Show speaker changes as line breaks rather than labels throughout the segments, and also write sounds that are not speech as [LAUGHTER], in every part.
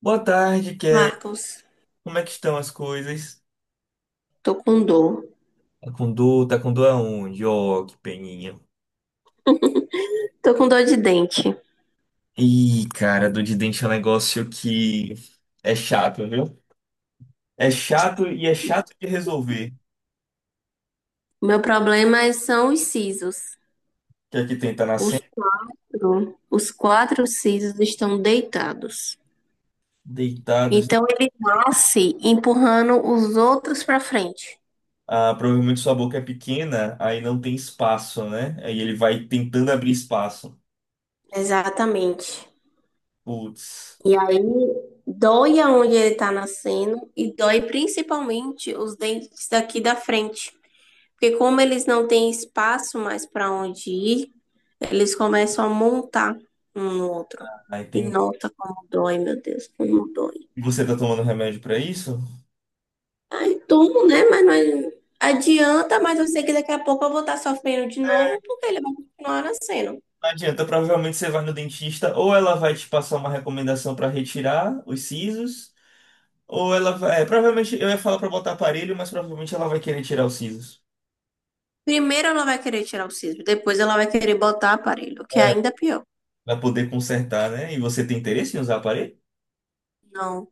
Boa tarde, Kelly.
Marcos,
Como é que estão as coisas?
tô com dor.
Tá com dor? Tá com dor aonde? Ó, que peninha.
Tô com dor de dente.
Ih, cara, dor de dente é um negócio que é chato, viu? É chato e é chato de resolver.
Meu problema são os sisos.
Que aqui tem, tá
Os
nascendo,
os quatro sisos estão deitados.
deitados.
Então ele nasce empurrando os outros para frente.
Ah, provavelmente sua boca é pequena, aí não tem espaço, né? Aí ele vai tentando abrir espaço.
Exatamente.
Putz.
E aí dói aonde ele tá nascendo e dói principalmente os dentes daqui da frente. Porque como eles não têm espaço mais para onde ir, eles começam a montar um no outro.
Aí
E
tem.
nota como dói, meu Deus, como dói.
E você tá tomando remédio pra isso?
E tomo, né? Mas não é- adianta, mas eu sei que daqui a pouco eu vou estar sofrendo de novo, porque ele vai continuar nascendo.
Não adianta, provavelmente você vai no dentista, ou ela vai te passar uma recomendação para retirar os sisos, ou ela vai. É, provavelmente eu ia falar para botar aparelho, mas provavelmente ela vai querer tirar os sisos.
Primeiro ela vai querer tirar o siso, depois ela vai querer botar aparelho, que é
É.
ainda pior.
Para poder consertar, né? E você tem interesse em usar aparelho?
Não,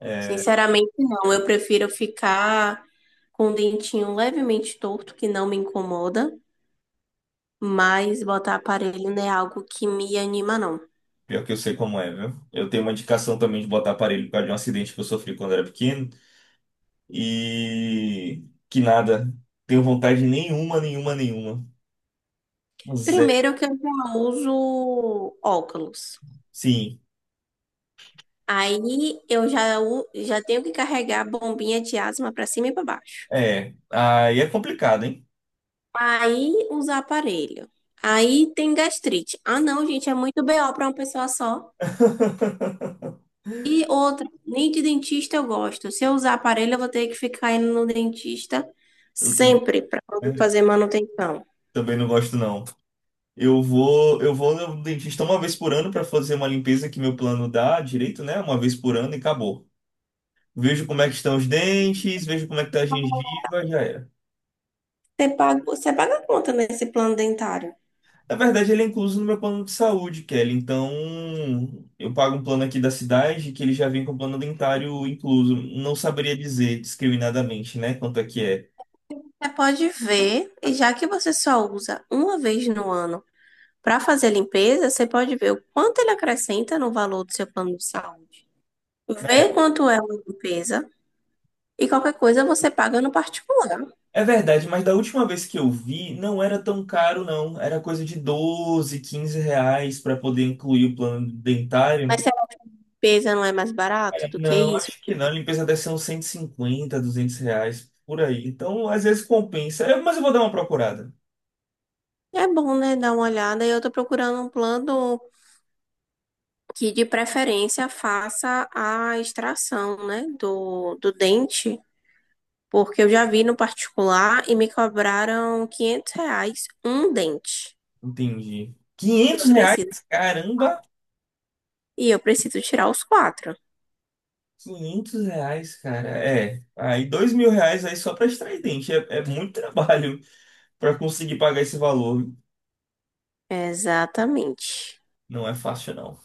É,
sinceramente não. Eu prefiro ficar com o dentinho levemente torto, que não me incomoda, mas botar aparelho não é algo que me anima, não.
pior que eu sei como é, viu? Eu tenho uma indicação também de botar aparelho por causa de um acidente que eu sofri quando era pequeno. E que nada. Tenho vontade nenhuma, nenhuma, nenhuma. Zero.
Primeiro que eu já uso óculos.
Sim.
Aí já tenho que carregar a bombinha de asma para cima e para baixo.
É. Aí é complicado, hein?
Aí usar aparelho. Aí tem gastrite. Ah, não, gente, é muito BO para uma pessoa só.
[LAUGHS]
E outra, nem de dentista eu gosto. Se eu usar aparelho, eu vou ter que ficar indo no dentista
Eu tenho.
sempre para fazer manutenção.
Também não gosto, não. Eu vou no dentista uma vez por ano para fazer uma limpeza que meu plano dá direito, né? Uma vez por ano e acabou. Vejo como é que estão os dentes, vejo como é que tá a gengiva, já era.
Você paga a conta nesse plano dentário.
Na verdade, ele é incluso no meu plano de saúde, Kelly. Então, eu pago um plano aqui da cidade que ele já vem com plano dentário incluso. Não saberia dizer discriminadamente, né, quanto é que é.
Você pode ver, e já que você só usa uma vez no ano para fazer a limpeza, você pode ver o quanto ele acrescenta no valor do seu plano de saúde. Vê quanto é uma limpeza e qualquer coisa você paga no particular.
É verdade, mas da última vez que eu vi, não era tão caro, não. Era coisa de 12, R$ 15 para poder incluir o plano
Mas
dentário.
se a limpeza não é mais
É,
barato do que
não,
isso,
acho que não. A limpeza deve ser uns 150, R$ 200 por aí. Então, às vezes compensa. É, mas eu vou dar uma procurada.
é bom, né, dar uma olhada. E eu tô procurando um plano que de preferência faça a extração, né, do dente, porque eu já vi no particular e me cobraram R$ 500 um dente.
Entendi.
Eu
R$ 500?
preciso.
Caramba!
E eu preciso tirar os quatro.
R$ 500, cara. É. Aí, R$ 2.000 aí só para extrair dente. É, é muito trabalho para conseguir pagar esse valor.
Exatamente.
Não é fácil, não.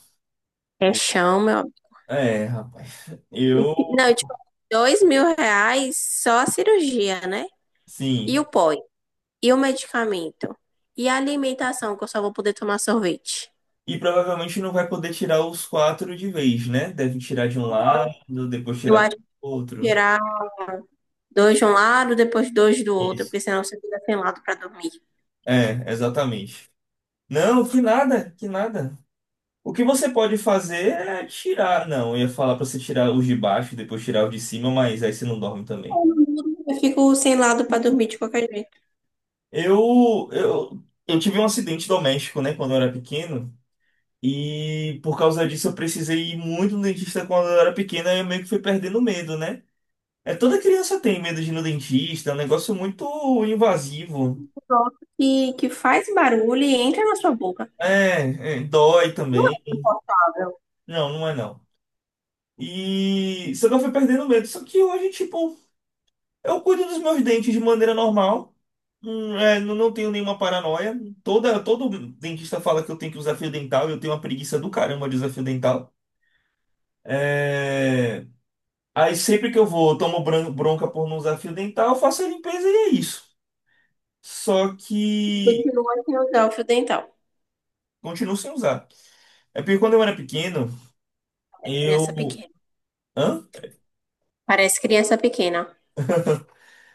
É chão, meu.
É, rapaz.
E
Eu
não, tipo, R$ 2.000 só a cirurgia, né? E o
Sim.
pó. E o medicamento. E a alimentação, que eu só vou poder tomar sorvete.
E provavelmente não vai poder tirar os quatro de vez, né? Deve tirar de um lado, depois
Eu
tirar do
acho que
outro.
tirar dois de um lado, depois dois do outro, porque
Isso.
senão você fica sem lado pra dormir.
É, exatamente. Não, que nada, que nada. O que você pode fazer é tirar. Não, eu ia falar pra você tirar os de baixo, depois tirar os de cima, mas aí você não dorme também.
Eu não durmo, eu fico sem lado pra dormir de qualquer jeito.
Eu tive um acidente doméstico, né, quando eu era pequeno. E por causa disso eu precisei ir muito no dentista quando eu era pequena e eu meio que fui perdendo medo, né? É, toda criança tem medo de ir no dentista, é um negócio muito invasivo.
Pronto. E que faz barulho e entra na sua boca.
É, é, dói
Não é
também.
confortável.
Não, não é não. E só que eu fui perdendo medo. Só que hoje, tipo, eu cuido dos meus dentes de maneira normal. É, não, não tenho nenhuma paranoia. Todo dentista fala que eu tenho que usar fio dental e eu tenho uma preguiça do caramba de usar fio dental. É, aí sempre que eu vou, eu tomo bronca por não usar fio dental, eu faço a limpeza e é isso. Só que
Continua sem usar o fio dental.
continuo sem usar. É porque quando eu era pequeno.
É
Eu,
criança pequena.
Hã?
Parece criança pequena.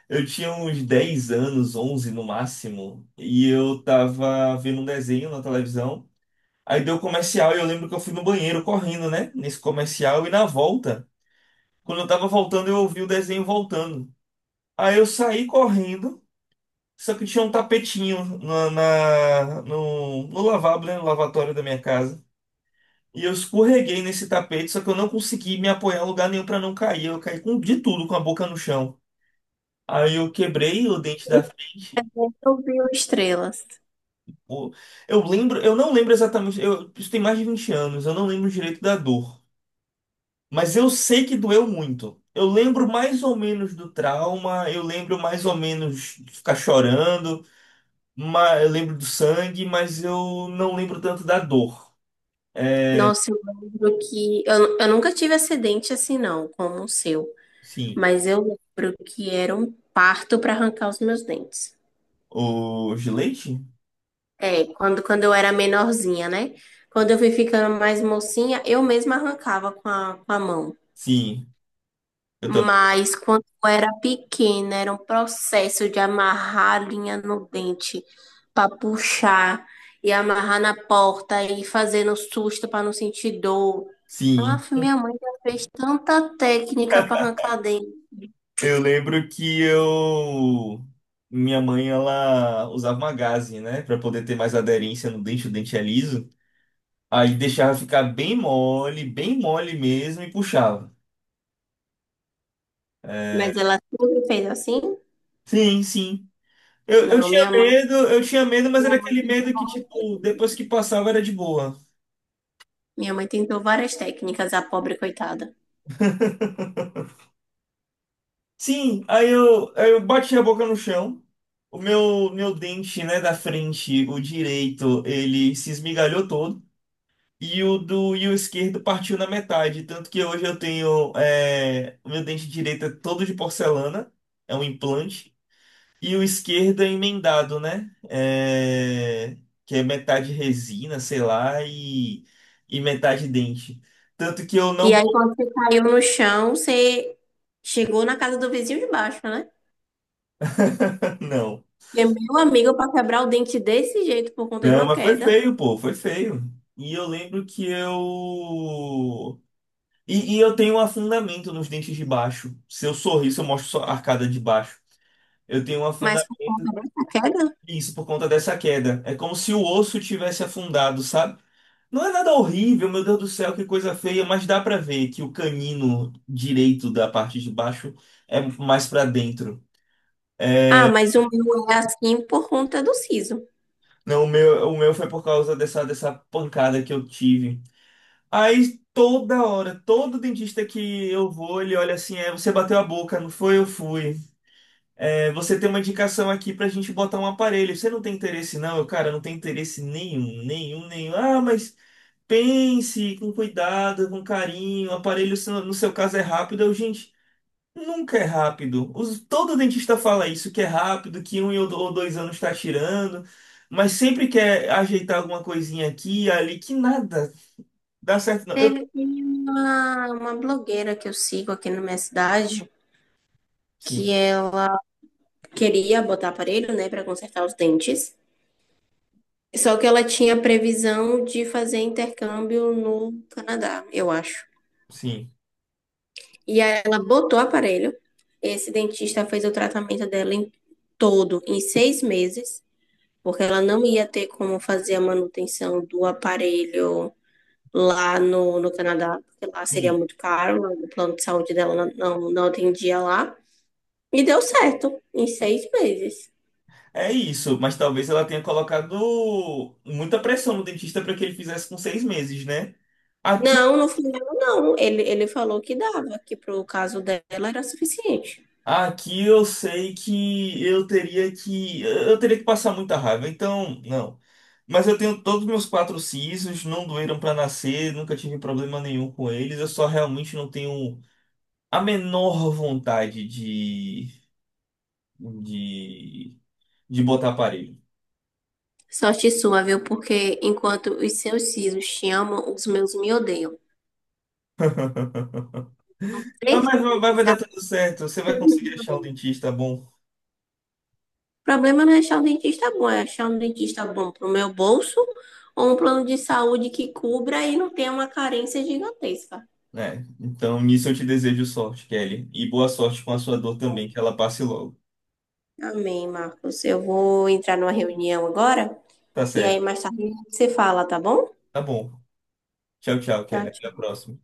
Eu tinha uns 10 anos, 11 no máximo, e eu tava vendo um desenho na televisão. Aí deu comercial e eu lembro que eu fui no banheiro correndo, né? Nesse comercial e na volta. Quando eu tava voltando, eu ouvi o desenho voltando. Aí eu saí correndo, só que tinha um tapetinho no lavabo, né? No lavatório da minha casa. E eu escorreguei nesse tapete, só que eu não consegui me apoiar em lugar nenhum pra não cair. Eu caí com de tudo, com a boca no chão. Aí eu quebrei o dente da
Esse
frente.
evento eu vi estrelas.
O- Eu lembro, eu não lembro exatamente, isso tem mais de 20 anos, eu não lembro direito da dor. Mas eu sei que doeu muito. Eu lembro mais ou menos do trauma, eu lembro mais ou menos de ficar chorando, eu lembro do sangue, mas eu não lembro tanto da dor.
Nossa, eu lembro que. Eu nunca tive acidente assim, não, como o seu.
Sim.
Mas eu lembro que era um parto para arrancar os meus dentes.
O gilete?
É, quando eu era menorzinha, né? Quando eu fui ficando mais mocinha, eu mesma arrancava com a mão.
Sim, eu também.
Mas quando eu era pequena, era um processo de amarrar a linha no dente para puxar e amarrar na porta e fazendo susto para não sentir dor.
Sim.
Aff, minha mãe já fez tanta técnica para arrancar dente,
Eu lembro que eu. Minha mãe, ela usava uma gaze, né? Pra poder ter mais aderência no dente, o dente é liso. Aí deixava ficar bem mole mesmo e puxava.
mas ela sempre fez assim?
Sim, sim. Eu
Não,
tinha medo, eu tinha medo, mas
minha
era
mãe
aquele
tentou,
medo que, tipo, depois que passava era de boa.
minha mãe tentou várias técnicas, a pobre coitada.
Sim, aí eu bati a boca no chão. O meu dente, né, da frente, o direito, ele se esmigalhou todo. E o esquerdo partiu na metade. Tanto que hoje eu tenho. É, o meu dente direito é todo de porcelana, é um implante. E o esquerdo é emendado, né? É, que é metade resina, sei lá, e metade dente. Tanto que eu
E
não.
aí, quando você caiu no chão, você chegou na casa do vizinho de baixo, né?
[LAUGHS] Não.
E é meu amigo para quebrar o dente desse jeito por conta de
Não,
uma
mas foi
queda.
feio, pô, foi feio. E eu lembro que eu. E eu tenho um afundamento nos dentes de baixo. Se eu sorrir, se eu mostro só a arcada de baixo. Eu tenho um
Mas por
afundamento.
conta dessa queda?
Isso por conta dessa queda. É como se o osso tivesse afundado, sabe? Não é nada horrível, meu Deus do céu, que coisa feia, mas dá pra ver que o canino direito da parte de baixo é mais pra dentro.
Ah,
É,
mas o meu é assim por conta do siso.
não, o meu foi por causa dessa pancada que eu tive. Aí toda hora, todo dentista que eu vou, ele olha assim: é, você bateu a boca, não foi? Eu fui. É, você tem uma indicação aqui pra gente botar um aparelho. Você não tem interesse, não? Eu, cara, não tenho interesse nenhum, nenhum, nenhum. Ah, mas. Pense com cuidado, com carinho. O aparelho, se no seu caso, é rápido. Eu, gente, nunca é rápido. Todo dentista fala isso, que é rápido, que um ou 2 anos está tirando, mas sempre quer ajeitar alguma coisinha aqui, ali, que nada dá certo, não.
Teve teve uma blogueira que eu sigo aqui na minha cidade que
Sim,
ela queria botar aparelho, né, para consertar os dentes. Só que ela tinha previsão de fazer intercâmbio no Canadá, eu acho.
sim,
E aí ela botou o aparelho. Esse dentista fez o tratamento dela em todo em 6 meses. Porque ela não ia ter como fazer a manutenção do aparelho lá no Canadá, porque lá seria
sim.
muito caro, lá o plano de saúde dela não atendia lá. E deu certo, em 6 meses.
É isso, mas talvez ela tenha colocado muita pressão no dentista para que ele fizesse com 6 meses, né? Aqui
Não, no final não. Ele falou que dava, que pro caso dela era suficiente.
Aqui eu sei que eu teria que passar muita raiva. Então, não. Mas eu tenho todos os meus quatro sisos, não doeram para nascer, nunca tive problema nenhum com eles. Eu só realmente não tenho a menor vontade de, de, de, botar aparelho.
Sorte sua, viu? Porque enquanto os seus sisos te amam, os meus me odeiam.
Ah, mas vai dar
Certeza.
tudo certo, você vai conseguir achar um dentista bom.
O problema não é achar um dentista bom, é achar um dentista bom para o meu bolso ou um plano de saúde que cubra e não tenha uma carência gigantesca.
É, então nisso eu te desejo sorte, Kelly. E boa sorte com a sua dor também, que ela passe logo.
Amém, Marcos. Eu vou entrar numa reunião agora
Tá
e aí
certo,
mais tarde a gente se fala, tá bom?
tá bom. Tchau, tchau,
Tchau,
Kelly. Até a
tchau.
próxima.